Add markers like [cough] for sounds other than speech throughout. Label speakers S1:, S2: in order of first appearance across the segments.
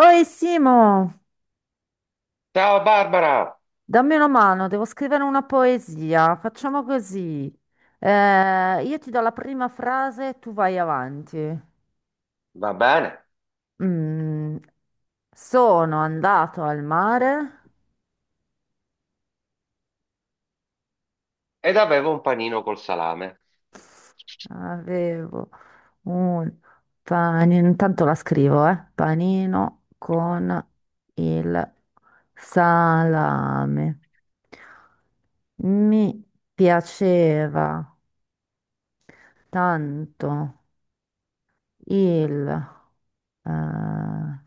S1: Oi Simo,
S2: Ciao Barbara,
S1: dammi una mano, devo scrivere una poesia. Facciamo così. Io ti do la prima frase e tu vai avanti.
S2: va bene?
S1: Mm, sono andato al mare,
S2: Ed avevo un panino col salame.
S1: avevo un panino, intanto la scrivo, eh? Panino con il salame. Mi piaceva tanto il Ah,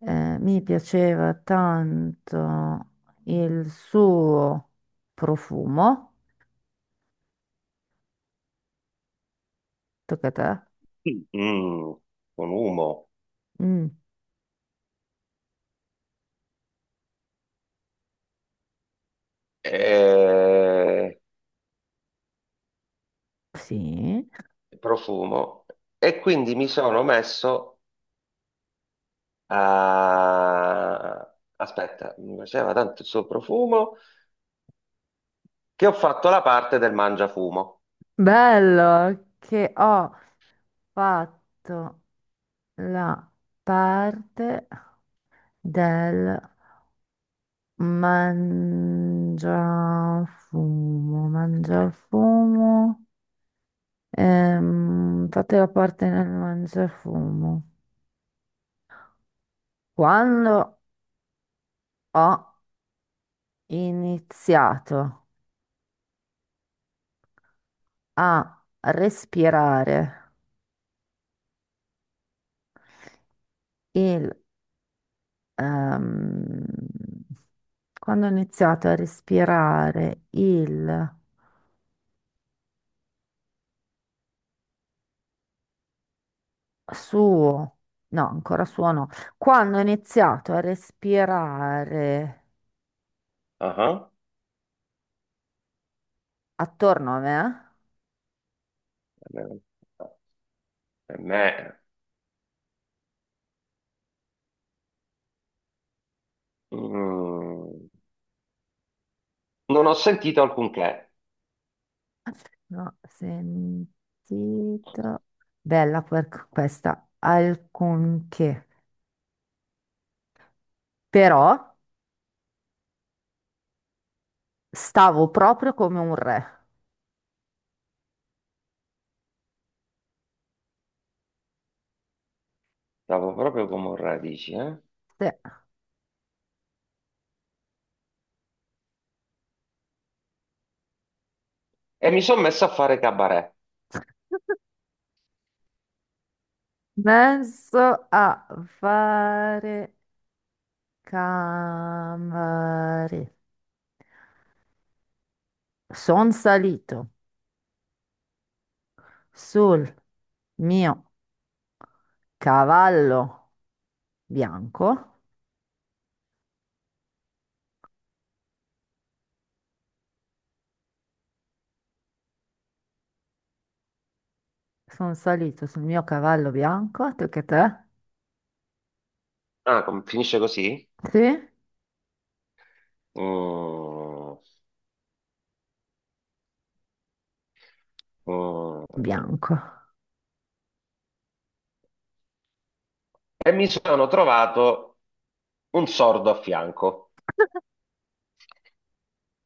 S1: mi piaceva tanto il suo profumo. Tocca a te.
S2: Mm, con umo
S1: Mm,
S2: e
S1: sì.
S2: profumo, e quindi mi sono messo a... Aspetta, mi piaceva tanto il suo profumo che ho fatto la parte del mangiafumo.
S1: Bello che ho fatto la parte del mangiafumo. Mangiafumo. Fate la parte nel mangiafumo. Quando ho iniziato a respirare il... ehm, quando ho iniziato a respirare il suo... No, ancora suo no. Quando ho iniziato a respirare
S2: Ah, ah.
S1: attorno a me,
S2: Per me, mm, non ho sentito alcunché,
S1: l'ho sentito... Bella per questa, alcunché. Però stavo proprio come un re.
S2: stavo proprio come un radici, eh? E mi sono messo a fare cabaret.
S1: Sì. Penso a fare camere. Sono salito sul mio cavallo bianco. Sono salito sul mio cavallo bianco. Tu che te?
S2: Ah, finisce così?
S1: Sì,
S2: Mm, mm.
S1: bianco.
S2: E mi sono trovato un sordo a fianco.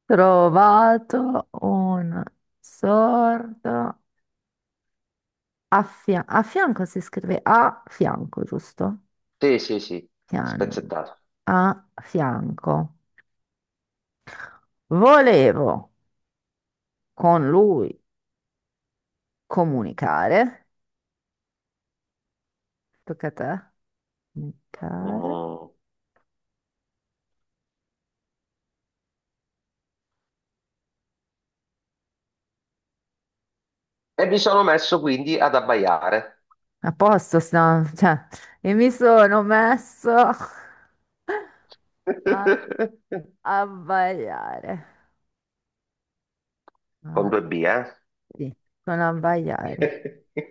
S1: Trovato un sordo a fianco. Si scrive a fianco, giusto?
S2: Sì, sì, sì,
S1: Fian-
S2: spezzettato.
S1: A fianco. Volevo con lui comunicare. Tocca a te. Comunicare.
S2: Mm. E mi sono messo quindi ad abbaiare.
S1: A posto, cioè, e mi sono messo a
S2: [laughs]
S1: abbagliare.
S2: Con
S1: Ah,
S2: due B, eh?
S1: sì, sono abbagliare.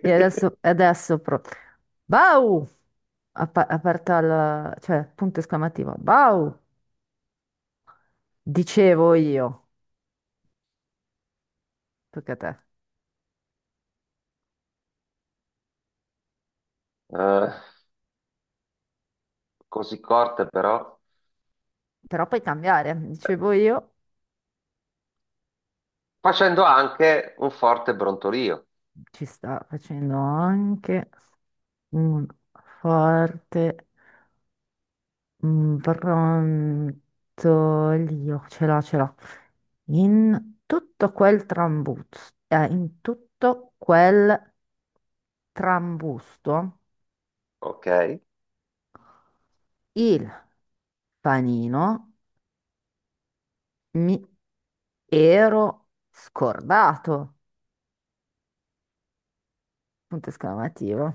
S1: E adesso pro. Bau! Aperta la... cioè, punto esclamativo. Bau! Dicevo io. Tocca a te.
S2: Eh, così corte però.
S1: Però puoi cambiare. Dicevo io.
S2: Facendo anche un forte brontolio,
S1: Ci sta facendo anche un forte brontolio. Ce l'ho, ce l'ho. In tutto quel trambusto, in tutto quel trambusto,
S2: ok?
S1: il panino mi ero scordato. Punto esclamativo.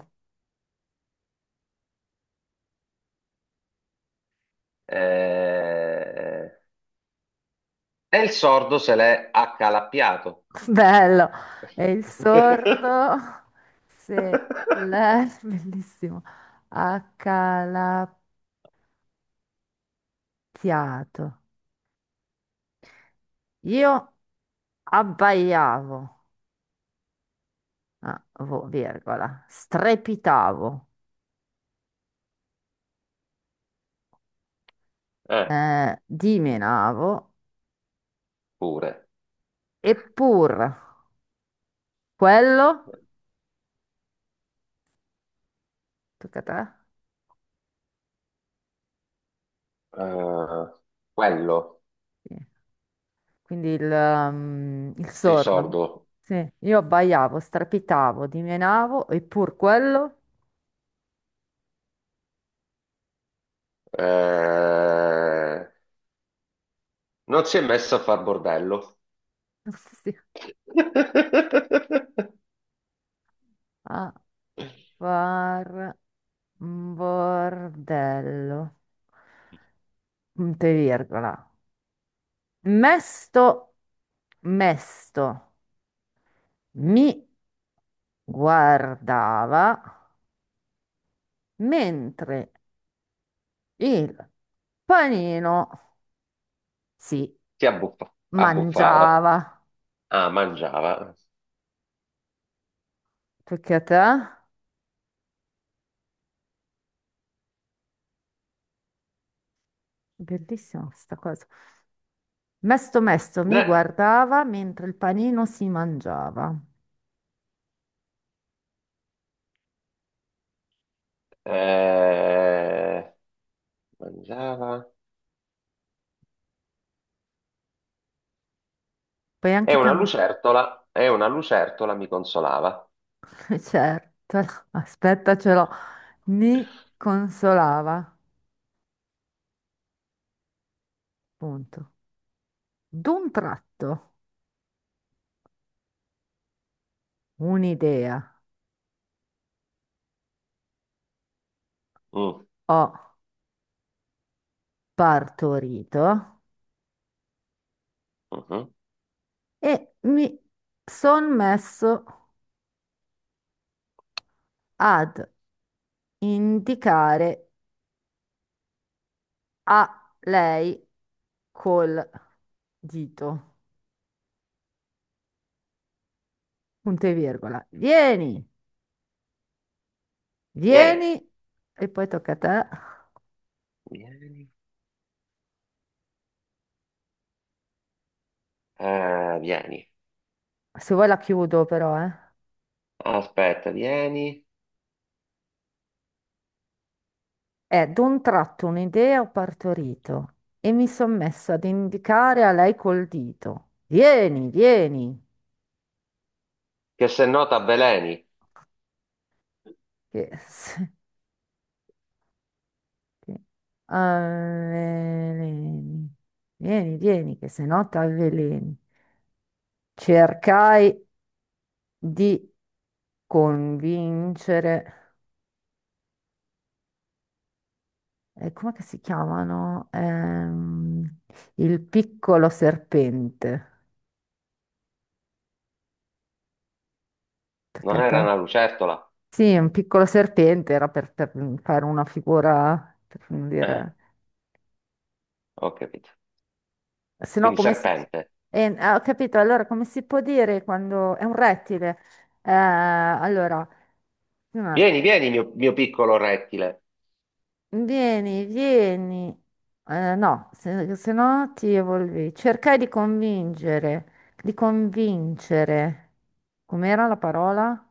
S2: Eh, e il sordo se l'è accalappiato.
S1: [laughs] Bello. E il
S2: [laughs]
S1: sordo se l'è [laughs] bellissimo accalappiato. Io abbaiavo, ah, virgola, strepitavo,
S2: Eh.
S1: dimenavo,
S2: Pure.
S1: eppur quello, tocca a te.
S2: Eh, quello,
S1: Sì. Quindi il, il
S2: sì,
S1: sordo, no?
S2: sordo.
S1: Sì, io abbaiavo, strepitavo, dimenavo, eppur quello,
S2: Eh, non si è messo a far bordello.
S1: [laughs] sì,
S2: [laughs]
S1: a var, bordello, punto e virgola, mesto, mesto, mi guardava mentre il panino si
S2: Abbuffava.
S1: mangiava.
S2: Ah, mangiava.
S1: Perché a te? Bellissima questa cosa. Mesto mesto mi
S2: Ne-
S1: guardava mentre il panino si mangiava.
S2: eh, mangiava.
S1: Puoi anche cambiare,
S2: È una lucertola, mi consolava.
S1: [laughs] certo. Aspetta, ce l'ho. Mi consolava. Punto. D'un tratto, un'idea
S2: Mm,
S1: ho partorito
S2: mhm.
S1: e mi son messo ad indicare a lei col dito. Punto e virgola. Vieni,
S2: Vieni,
S1: vieni e poi tocca a te.
S2: vieni. Vieni.
S1: Se vuoi la chiudo però, eh.
S2: Aspetta, vieni.
S1: È d'un tratto un'idea ho partorito e mi son messo ad indicare a lei col dito. Vieni, vieni.
S2: Che se no t'avveleni.
S1: Che... che- avveleni. Vieni, vieni, che se no t'avveleni. Cercai di convincere, com'è che si chiamano? Il piccolo serpente. Tocca
S2: Non
S1: a
S2: era una
S1: te.
S2: lucertola?
S1: Sì, un piccolo serpente era per fare una figura, per non
S2: Eh,
S1: dire...
S2: ho capito.
S1: Se no,
S2: Quindi
S1: come si...
S2: serpente.
S1: ah, ho capito, allora come si può dire quando... È un rettile. Allora...
S2: Vieni, vieni, mio piccolo rettile.
S1: Vieni, vieni. No, se no ti evolvi. Cercai di convincere, di convincere. Com'era la parola?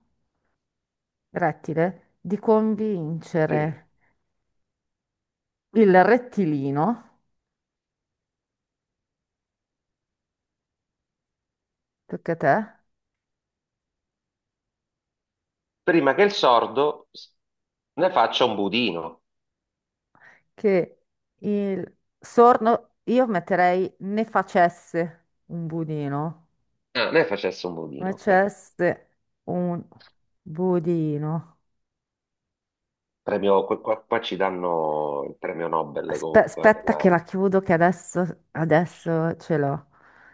S1: Rettile. Di
S2: Sì.
S1: convincere il rettilino, tocca a te,
S2: Prima che il sordo s- Ne faccia un budino.
S1: che il sorno, io metterei ne facesse un budino,
S2: Ah, ne facesse un budino, ok.
S1: facesse un budino.
S2: Qua ci danno il premio Nobel comunque, per
S1: Aspetta che
S2: la...
S1: la chiudo, che adesso ce l'ho.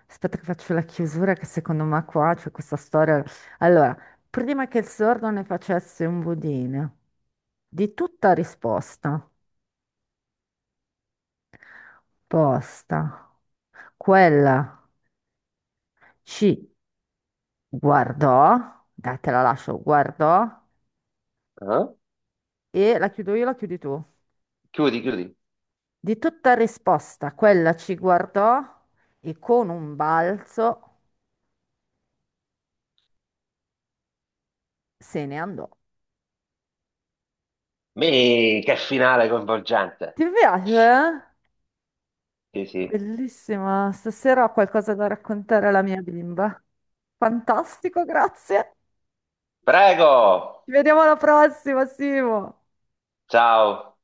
S1: Aspetta che faccio la chiusura, che secondo me qua c'è questa storia. Allora, prima che il sordo ne facesse un budino, di tutta risposta, posta, quella ci guardò, dai, te la lascio, guardò,
S2: Ah?
S1: e la chiudo io, la chiudi tu.
S2: Chiudi, chiudi.
S1: Di tutta risposta, quella ci guardò e con un balzo se ne andò.
S2: Mi, che finale coinvolgente.
S1: Ti piace? Eh?
S2: Sì, sì.
S1: Bellissima, stasera ho qualcosa da raccontare alla mia bimba. Fantastico, grazie.
S2: Prego!
S1: Ci vediamo alla prossima, Simo.
S2: Ciao!